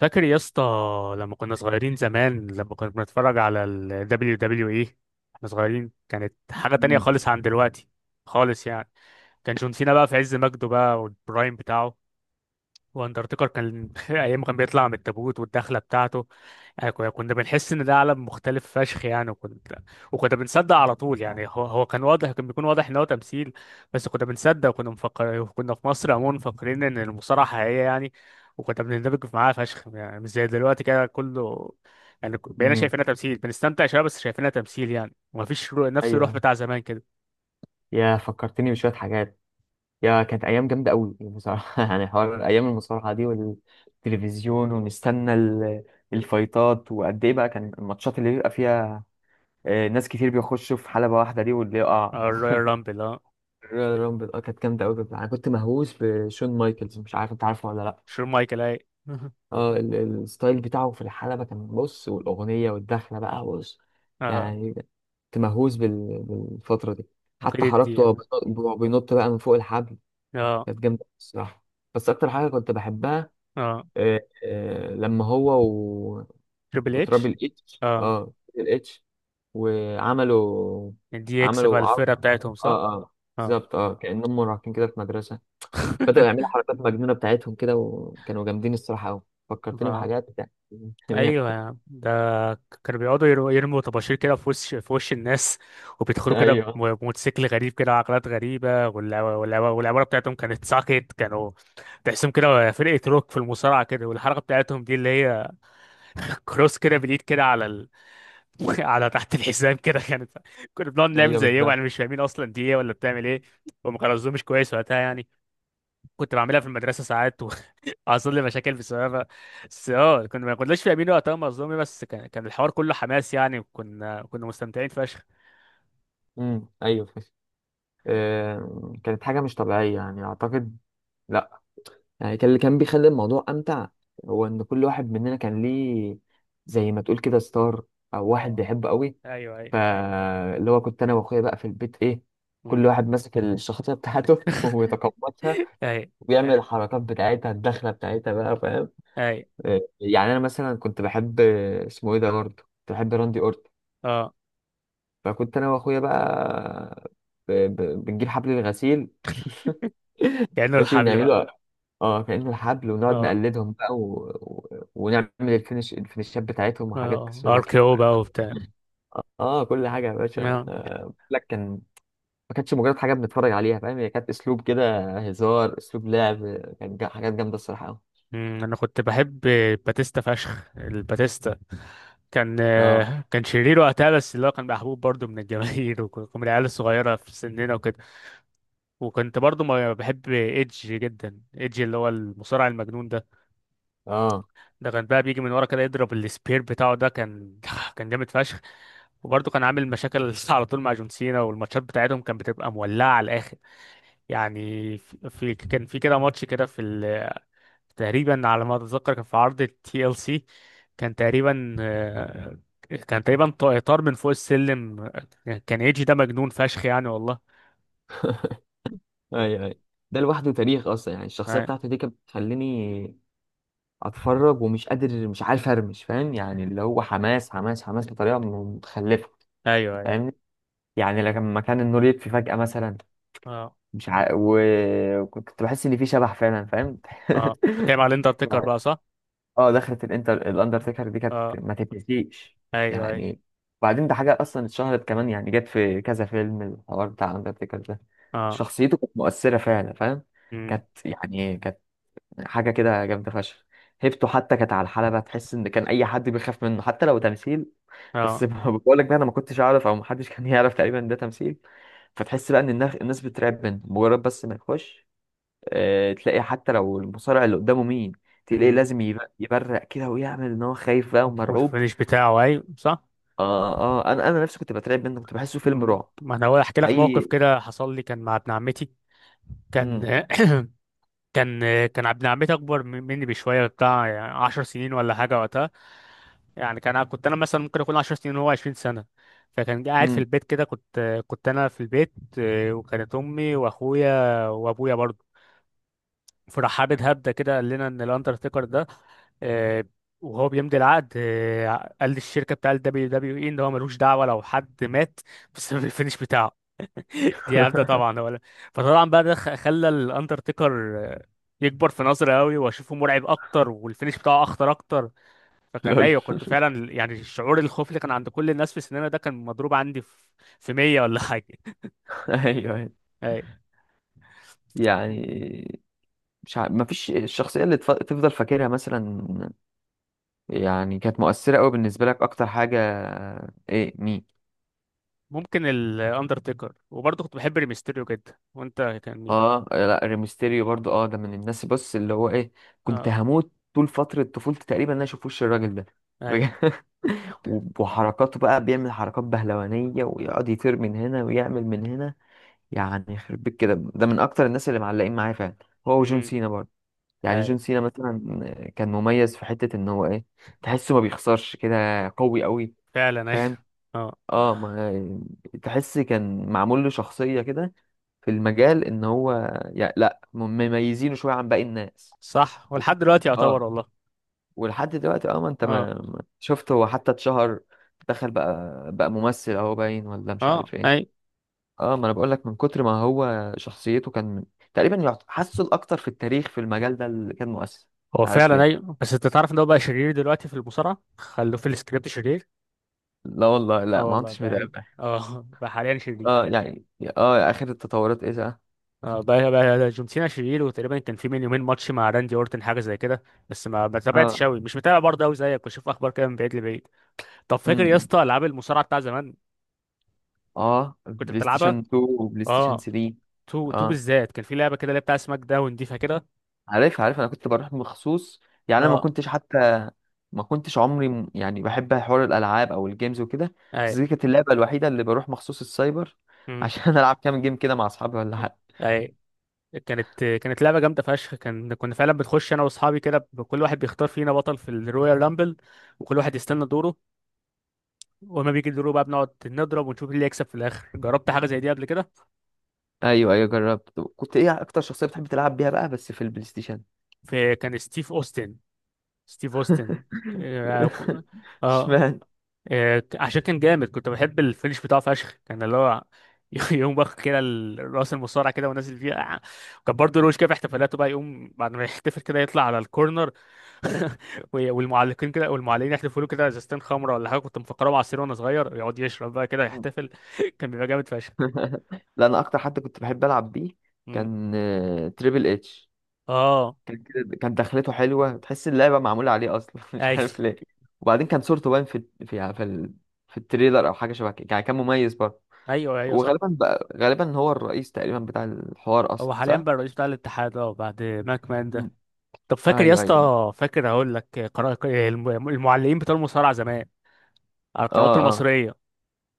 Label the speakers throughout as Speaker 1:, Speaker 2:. Speaker 1: فاكر يا اسطى، لما كنا صغيرين زمان، لما كنا بنتفرج على ال WWE، احنا صغيرين كانت حاجة تانية
Speaker 2: مم.
Speaker 1: خالص عن دلوقتي، خالص يعني. كان جون سينا بقى في عز مجده بقى والبرايم بتاعه، واندرتيكر كان ايام ما كان بيطلع من التابوت والدخله بتاعته. يعني كنا بنحس ان ده عالم مختلف فشخ، يعني وكنا بنصدق على طول، يعني هو كان بيكون واضح ان هو تمثيل. بس كنا بنصدق، وكنا مفكر كنا في مصر عموما مفكرين ان المصارعه حقيقيه يعني، وكنا بنندمج معاها فشخ، يعني مش زي دلوقتي كده كله. يعني بقينا
Speaker 2: مم.
Speaker 1: شايفينها تمثيل، بنستمتع شويه بس شايفينها تمثيل يعني، ومفيش نفس الروح
Speaker 2: ايوه،
Speaker 1: بتاع زمان كده.
Speaker 2: يا فكرتني بشويه حاجات. يا كانت ايام جامده قوي بصراحه. يعني حوار ايام المصارعه دي والتلفزيون ونستنى الفايتات. وقد ايه بقى كان الماتشات اللي بيبقى فيها؟ ناس كتير بيخشوا في حلبه واحده دي، واللي يقع.
Speaker 1: آه، الرويال رامبل، اه.
Speaker 2: الرويال رامبل، اه كانت جامده قوي. انا كنت مهووس بشون مايكلز، مش عارف انت عارفه ولا لا.
Speaker 1: شون مايكل، اي.
Speaker 2: الستايل بتاعه في الحلبة كان بص، والأغنية والدخلة بقى بص.
Speaker 1: اه،
Speaker 2: يعني كنت مهووس بالفترة دي. حتى
Speaker 1: عقيدة دي
Speaker 2: حركته، وهو
Speaker 1: يعني.
Speaker 2: بينط، بقى من فوق الحبل.
Speaker 1: اه،
Speaker 2: كانت جامدة الصراحة. بس أكتر حاجة كنت بحبها،
Speaker 1: اه.
Speaker 2: آه، لما هو
Speaker 1: تريبل اتش،
Speaker 2: وترابل اتش،
Speaker 1: اه.
Speaker 2: اه ترابل اتش وعملوا
Speaker 1: دي اكس بقى
Speaker 2: عملوا عرض.
Speaker 1: الفرقة بتاعتهم، صح؟
Speaker 2: اه اه
Speaker 1: اه.
Speaker 2: بالظبط، اه كأنهم مراهقين كده في مدرسة. بدأوا يعملوا حركات مجنونة بتاعتهم كده، وكانوا جامدين الصراحة أوي. فكرتني
Speaker 1: اه.
Speaker 2: بحاجات يعني.
Speaker 1: ايوه يا عم ده، كانوا بيقعدوا يرموا طباشير كده في وش الناس. وبيدخلوا كده
Speaker 2: ايوه،
Speaker 1: بموتوسيكل غريب كده وعقلات غريبة، والعبارة بتاعتهم كانت ساكت، كانوا تحسهم كده فرقة روك في المصارعة كده، والحركة بتاعتهم دي اللي هي كروس كده بالإيد كده على على تحت الحزام كده، كانت كنا بنقعد نعمل
Speaker 2: ايوه
Speaker 1: زيهم، يعني
Speaker 2: بالظبط.
Speaker 1: مش فاهمين أصلا دي إيه ولا بتعمل إيه. وما خلصوش مش كويس وقتها يعني. كنت بعملها في المدرسة ساعات، حصل لي مشاكل بسببها. بس اه، كنا ما كناش فاهمين وقتها مظلومي، بس كان الحوار كله حماس يعني، وكنا مستمتعين فشخ.
Speaker 2: ايوه فشخ. كانت حاجه مش طبيعيه يعني اعتقد. لا، يعني كان اللي كان بيخلي الموضوع امتع هو ان كل واحد مننا كان ليه زي ما تقول كده ستار، او واحد
Speaker 1: اه،
Speaker 2: بيحبه قوي.
Speaker 1: ايوه، ايوه.
Speaker 2: فاللي هو كنت انا واخويا بقى في البيت ايه، كل
Speaker 1: مم.
Speaker 2: واحد ماسك الشخصيه بتاعته ويتقمصها،
Speaker 1: اي،
Speaker 2: ويعمل الحركات بتاعتها الدخله بتاعتها بقى فاهم.
Speaker 1: اي.
Speaker 2: يعني انا مثلا كنت بحب، اسمه ايه ده، برضه كنت بحب راندي اورتن.
Speaker 1: اه،
Speaker 2: فكنت انا واخويا بقى ب... ب... بنجيب حبل الغسيل.
Speaker 1: كأنه
Speaker 2: ماشي
Speaker 1: الحبل بقى.
Speaker 2: ونعمله، اه كأنه الحبل، ونقعد
Speaker 1: اه،
Speaker 2: نقلدهم بقى ونعمل الفينشات بتاعتهم وحاجات
Speaker 1: اه، ار
Speaker 2: شبه كده.
Speaker 1: كي او بقى وبتاع.
Speaker 2: اه كل حاجه يا باشا.
Speaker 1: اه.
Speaker 2: بقول لك كان، ما كانتش مجرد حاجه بنتفرج عليها فاهم، هي كانت اسلوب كده هزار، اسلوب لعب، كانت حاجات جامده الصراحه قوي.
Speaker 1: مم، انا كنت بحب باتيستا فشخ، الباتيستا. كان،
Speaker 2: اه
Speaker 1: آه، كان شرير وقتها، بس اللي هو كان محبوب برضه من الجماهير ومن العيال الصغيره في سننا وكده. وكنت برضه ما بحب ايدج جدا، ايدج اللي هو المصارع المجنون ده.
Speaker 2: اه
Speaker 1: ده كان بقى بيجي من ورا كده يضرب السبير بتاعه، ده كان كان جامد فشخ. وبرضه كان عامل مشاكل على طول مع جون سينا، والماتشات بتاعتهم كانت بتبقى مولعة على الآخر. يعني كان في كده ماتش كده في تقريبا على ما أتذكر، كان في عرض تي ال سي. كان تقريبا، آه، كان تقريبا طار من فوق السلم. كان ايجي ده مجنون فشخ، يعني والله.
Speaker 2: اي اي. ده لوحده تاريخ اصلا يعني، الشخصيه
Speaker 1: آه،
Speaker 2: بتاعته دي كانت بتخليني اتفرج ومش قادر، مش عارف ارمش فاهم يعني، اللي هو حماس حماس حماس بطريقه متخلفه.
Speaker 1: ايوه، ايوه.
Speaker 2: فاهمني يعني، لما كان النور يطفي فجأة مثلا،
Speaker 1: اه،
Speaker 2: مش عارف، وكنت بحس ان في شبح فعلا فاهم.
Speaker 1: اه، بتتكلم على الاندرتيكر
Speaker 2: يعني
Speaker 1: بقى، صح؟
Speaker 2: اه دخلت الاندرتيكر دي كانت
Speaker 1: اه،
Speaker 2: ما تتنسيش
Speaker 1: ايوه، ايوه.
Speaker 2: يعني. وبعدين ده حاجه اصلا اتشهرت كمان، يعني جت في كذا فيلم الحوار بتاع الاندرتيكر ده.
Speaker 1: اه.
Speaker 2: شخصيته كانت مؤثره فعلا فاهم،
Speaker 1: امم.
Speaker 2: كانت يعني كانت حاجه كده جامده فشخ. هيبته حتى كانت على الحلبه، تحس ان كان اي حد بيخاف منه حتى لو تمثيل. بس بقول لك بقى انا ما كنتش اعرف، او ما حدش كان يعرف تقريبا إن ده تمثيل. فتحس بقى ان الناس، بترعب منه مجرد بس ما يخش. تلاقي حتى لو المصارع اللي قدامه مين، تلاقيه
Speaker 1: اه.
Speaker 2: لازم يبرق كده، ويعمل ان هو خايف بقى ومرعوب.
Speaker 1: والفينش بتاعه، اي صح.
Speaker 2: اه اه، انا نفسي كنت بترعب منه، كنت بحسه فيلم رعب.
Speaker 1: ما انا هقول احكي لك موقف
Speaker 2: اي.
Speaker 1: كده حصل لي، كان مع ابن عمتي. كان
Speaker 2: امم
Speaker 1: كان، ابن عمتي اكبر مني بشويه، بتاع يعني 10 سنين ولا حاجه وقتها. يعني كان، كنت انا مثلا ممكن اكون 10 سنين وهو 20 سنه. فكان قاعد في
Speaker 2: امم
Speaker 1: البيت كده، كنت انا في البيت، آه، وكانت امي واخويا وابويا برضه. فراح حابب هبده كده، قال لنا ان الاندرتيكر ده، آه، وهو بيمضي العقد، آه، قال للشركه بتاع الدبليو دبليو اي ان هو ملوش دعوه لو حد مات بسبب الفينش بتاعه. دي هبده طبعا ولا. فطبعا بقى ده خلى الاندرتيكر، آه، يكبر في نظري قوي، واشوفه مرعب اكتر والفينش بتاعه اخطر اكتر. فكان
Speaker 2: لول.
Speaker 1: ايوه، كنت فعلا يعني الشعور، الخوف اللي كان عند كل الناس في السينما ده كان مضروب عندي في 100 ولا حاجه.
Speaker 2: ايوه، أيوة.
Speaker 1: أي.
Speaker 2: يعني مش ع... مفيش الشخصية اللي تفضل فاكرها مثلا، يعني كانت مؤثرة قوي بالنسبة لك أكتر حاجة. إيه مين؟
Speaker 1: ممكن الاندرتيكر، وبرضه كنت بحب ريمستيريو جدا، وانت كان مين؟
Speaker 2: لا، ريمستيريو برضو، ده من الناس بص اللي هو إيه. كنت هموت طول فترة طفولتي تقريبا إن أنا أشوف وش الراجل ده
Speaker 1: اي.
Speaker 2: بجد. وحركاته بقى بيعمل حركات بهلوانية، ويقعد يطير من هنا، ويعمل من هنا. يعني يخرب بيت كده، ده من أكتر الناس اللي معلقين معايا فعلا، هو وجون
Speaker 1: امم.
Speaker 2: سينا برضو. يعني
Speaker 1: اي.
Speaker 2: جون سينا مثلا كان مميز في حتة ان هو ايه، تحسه ما بيخسرش كده، قوي قوي
Speaker 1: فعلا اي.
Speaker 2: فاهم.
Speaker 1: اه
Speaker 2: اه، ما تحس كان معمول له شخصية كده في المجال ان هو يعني لا، مميزينه شوية عن باقي الناس.
Speaker 1: صح،
Speaker 2: وف-
Speaker 1: ولحد دلوقتي يعتبر
Speaker 2: اه
Speaker 1: والله.
Speaker 2: ولحد دلوقتي، اه ما انت
Speaker 1: اه،
Speaker 2: شفت هو حتى اتشهر، دخل بقى ممثل اهو باين، ولا مش
Speaker 1: اه،
Speaker 2: عارف ايه.
Speaker 1: اي،
Speaker 2: اه ما انا بقول لك، من كتر ما هو شخصيته كان تقريبا حاسه الاكتر في التاريخ في المجال ده اللي كان مؤثر.
Speaker 1: هو
Speaker 2: مش عارف
Speaker 1: فعلا اي،
Speaker 2: ليه.
Speaker 1: بس انت تعرف ان هو بقى شرير دلوقتي في المصارعه، خلوه في السكريبت شرير.
Speaker 2: لا والله، لا
Speaker 1: اه
Speaker 2: ما
Speaker 1: والله
Speaker 2: كنتش
Speaker 1: بقى، هي
Speaker 2: متابع.
Speaker 1: اه بقى حاليا شرير.
Speaker 2: اه يعني اه اخر التطورات ايه ده.
Speaker 1: اه، بقى جون سينا شرير، وتقريبا كان في من يومين ماتش مع راندي اورتن حاجه زي كده. بس ما تابعتش
Speaker 2: اه.
Speaker 1: قوي، مش متابع برضه قوي زيك، بشوف اخبار كده من بعيد لبعيد. طب فاكر يا
Speaker 2: امم
Speaker 1: اسطى العاب المصارعه بتاع زمان،
Speaker 2: اه
Speaker 1: كنت
Speaker 2: بلاي
Speaker 1: بتلعبها؟
Speaker 2: ستيشن 2 وبلاي ستيشن
Speaker 1: اه،
Speaker 2: 3.
Speaker 1: تو تو
Speaker 2: اه
Speaker 1: بالذات، كان في لعبه كده اللي هي بتاع سماك داون، دي فاكرها؟
Speaker 2: عارف عارف، انا كنت بروح مخصوص. يعني انا ما
Speaker 1: اه.
Speaker 2: كنتش حتى، ما كنتش عمري يعني بحب حوار الالعاب او الجيمز وكده. بس
Speaker 1: اي.
Speaker 2: دي كانت اللعبه الوحيده اللي بروح مخصوص السايبر
Speaker 1: امم.
Speaker 2: عشان العب كام جيم كده مع اصحابي ولا حاجه.
Speaker 1: اي. كانت لعبه جامده فشخ، كان، كنا فعلا بنخش انا واصحابي كده، كل واحد بيختار فينا بطل في الرويال رامبل، وكل واحد يستنى دوره، وما بيجي دوره بقى بنقعد نضرب ونشوف مين اللي يكسب في الاخر. جربت حاجه زي دي قبل كده؟
Speaker 2: ايوه ايوه جربت. كنت ايه اكتر شخصيه بتحب تلعب بيها بقى بس في البلاي ستيشن؟
Speaker 1: في، كان ستيف اوستن، ستيف اوستن. اه. آه،
Speaker 2: اشمعنى؟
Speaker 1: عشان كان جامد، كنت بحب الفينش بتاعه فشخ، كان اللي هو يقوم واخد كده الراس المصارعه كده ونازل فيها. كان برضه روش كده في احتفالاته بقى، يقوم بعد ما يحتفل كده يطلع على الكورنر، والمعلقين كده، والمعلقين يحتفلوا له كده، ازازتين خمره ولا حاجه كنت مفكره عصير وانا صغير، يقعد يشرب بقى كده يحتفل. كان بيبقى جامد فشخ.
Speaker 2: لا، انا اكتر حد كنت بحب العب بيه
Speaker 1: مم.
Speaker 2: كان، تريبل اتش.
Speaker 1: اه،
Speaker 2: كان كده، كان دخلته حلوه، تحس اللعبه معموله عليه اصلا مش عارف
Speaker 1: ايوه،
Speaker 2: ليه. وبعدين كان صورته باين في التريلر او حاجه شبه كده يعني، كان مميز برضه.
Speaker 1: ايوه، ايوه، صح.
Speaker 2: وغالبا بقى، غالبا هو الرئيس تقريبا بتاع الحوار اصلا
Speaker 1: هو حاليا
Speaker 2: صح.
Speaker 1: بقى الرئيس بتاع الاتحاد، اه، بعد ماك مان
Speaker 2: م.
Speaker 1: ده. طب فاكر يا
Speaker 2: ايوه ايوه،
Speaker 1: اسطى، فاكر هقول لك قرار المعلقين بتوع المصارعه زمان على
Speaker 2: اه
Speaker 1: القنوات
Speaker 2: اه
Speaker 1: المصرية؟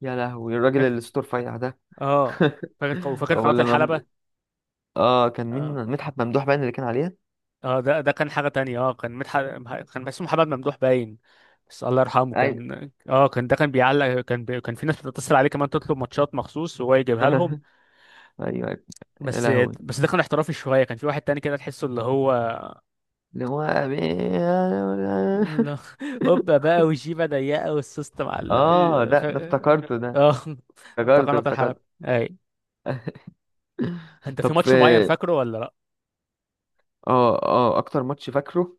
Speaker 2: يا لهوي الراجل
Speaker 1: فاكر،
Speaker 2: اللي صوته رفيع ده.
Speaker 1: اه. فاكر، وفاكر
Speaker 2: هو
Speaker 1: قناة
Speaker 2: اللي ممدوح،
Speaker 1: الحلبة؟
Speaker 2: اه كان مين؟
Speaker 1: اه،
Speaker 2: مدحت ممدوح باين اللي كان عليه.
Speaker 1: اه، ده كان حاجة تانية، اه، كان كان اسمه محمد ممدوح باين. بس الله يرحمه،
Speaker 2: ايوه.
Speaker 1: كان اه، كان ده كان بيعلق، كان كان في ناس بتتصل عليه كمان تطلب ماتشات مخصوص وهو يجيبها لهم.
Speaker 2: ايوه ايوه يا
Speaker 1: بس،
Speaker 2: لهوي.
Speaker 1: بس ده كان احترافي شوية. كان في واحد تاني كده تحسه اللي هو
Speaker 2: اللي هو
Speaker 1: لا قبة بقى وجيبة ضيقة والسوست معلق.
Speaker 2: اه
Speaker 1: ف...
Speaker 2: ده افتكرته ده.
Speaker 1: اه ده
Speaker 2: افتكرته
Speaker 1: قناة الحلبة.
Speaker 2: افتكرته.
Speaker 1: اي. انت في
Speaker 2: طب
Speaker 1: ماتش معين
Speaker 2: في،
Speaker 1: فاكره ولا لا؟
Speaker 2: اه اكتر ماتش فاكره،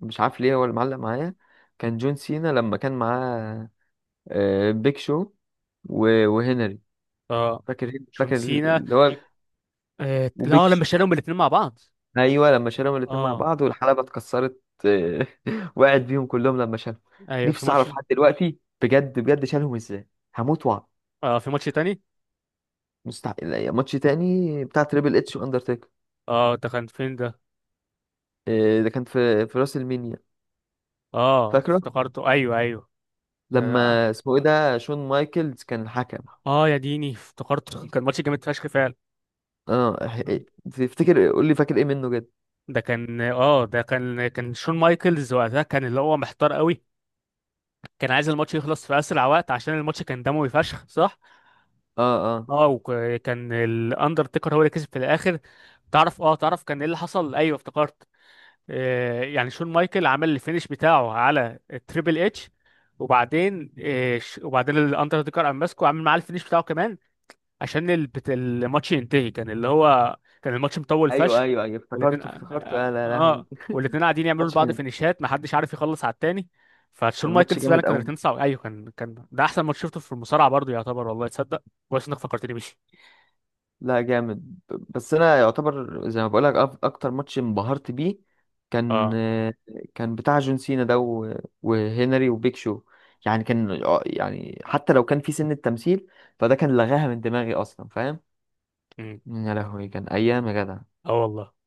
Speaker 2: مش عارف ليه هو اللي معلق معايا، كان جون سينا لما كان معاه بيج شو وهنري.
Speaker 1: اه،
Speaker 2: فاكر
Speaker 1: جون
Speaker 2: فاكر،
Speaker 1: سينا،
Speaker 2: اللي هو
Speaker 1: آه،
Speaker 2: وبيج
Speaker 1: لا، لما
Speaker 2: شو.
Speaker 1: شالهم الاثنين مع بعض.
Speaker 2: ايوه لما شالهم الاتنين مع
Speaker 1: اه،
Speaker 2: بعض والحلبة اتكسرت، وقعت بيهم كلهم لما شالهم.
Speaker 1: ايوه، في
Speaker 2: نفسي
Speaker 1: ماتش.
Speaker 2: اعرف لحد دلوقتي بجد بجد شالهم ازاي، هموت واعرف.
Speaker 1: اه، في ماتش تاني.
Speaker 2: مستحيل. يعني ماتش تاني بتاع تريبل اتش واندرتيكر،
Speaker 1: اه، ده كان فين ده؟
Speaker 2: إيه ده كان في في راس المينيا.
Speaker 1: اه،
Speaker 2: فاكره،
Speaker 1: افتكرته، ايوه، ايوه.
Speaker 2: لما
Speaker 1: اه،
Speaker 2: اسمه ايه ده شون مايكلز كان الحكم.
Speaker 1: آه، يا ديني افتكرته، كان ماتش جامد فشخ فعلا.
Speaker 2: اه. إيه، تفتكر قول لي فاكر ايه منه جد.
Speaker 1: ده كان، اه، ده كان كان شون مايكلز وقتها، كان اللي هو محتار قوي، كان عايز الماتش يخلص في اسرع وقت عشان الماتش كان دموي فشخ، صح؟
Speaker 2: اه اه
Speaker 1: اه، وكان الاندرتيكر هو اللي كسب في الاخر. تعرف، اه، تعرف كان ايه اللي حصل؟ ايوه، افتكرت. آه، يعني شون مايكل عمل الفينش بتاعه على التريبل اتش، وبعدين، آه، الاندرتيكر قام ماسكه عامل معاه الفينش بتاعه كمان، عشان الماتش ينتهي. كان اللي هو كان الماتش مطول
Speaker 2: ايوه
Speaker 1: فشخ.
Speaker 2: ايوه ايوه
Speaker 1: والاتنين،
Speaker 2: افتكرته
Speaker 1: اه،
Speaker 2: افتكرته يا
Speaker 1: آه،
Speaker 2: لا لهوي.
Speaker 1: والاتنين قاعدين يعملوا
Speaker 2: ماتش
Speaker 1: لبعض
Speaker 2: كان،
Speaker 1: فينيشات، محدش عارف يخلص على التاني. فشون
Speaker 2: كان ماتش
Speaker 1: مايكلز فعلا
Speaker 2: جامد
Speaker 1: كان
Speaker 2: قوي.
Speaker 1: الاتنين صعب. ايوه، كان ده احسن ماتش شفته في المصارعه برضه يعتبر، والله تصدق. كويس انك فكرتني بيه.
Speaker 2: لا جامد، بس انا يعتبر زي ما بقولك اكتر ماتش انبهرت بيه كان،
Speaker 1: اه.
Speaker 2: بتاع جون سينا ده وهنري وبيك شو يعني. كان يعني حتى لو كان في سن التمثيل، فده كان لغاها من دماغي اصلا فاهم.
Speaker 1: مم.
Speaker 2: يا لهوي كان ايام يا جدع.
Speaker 1: اه والله.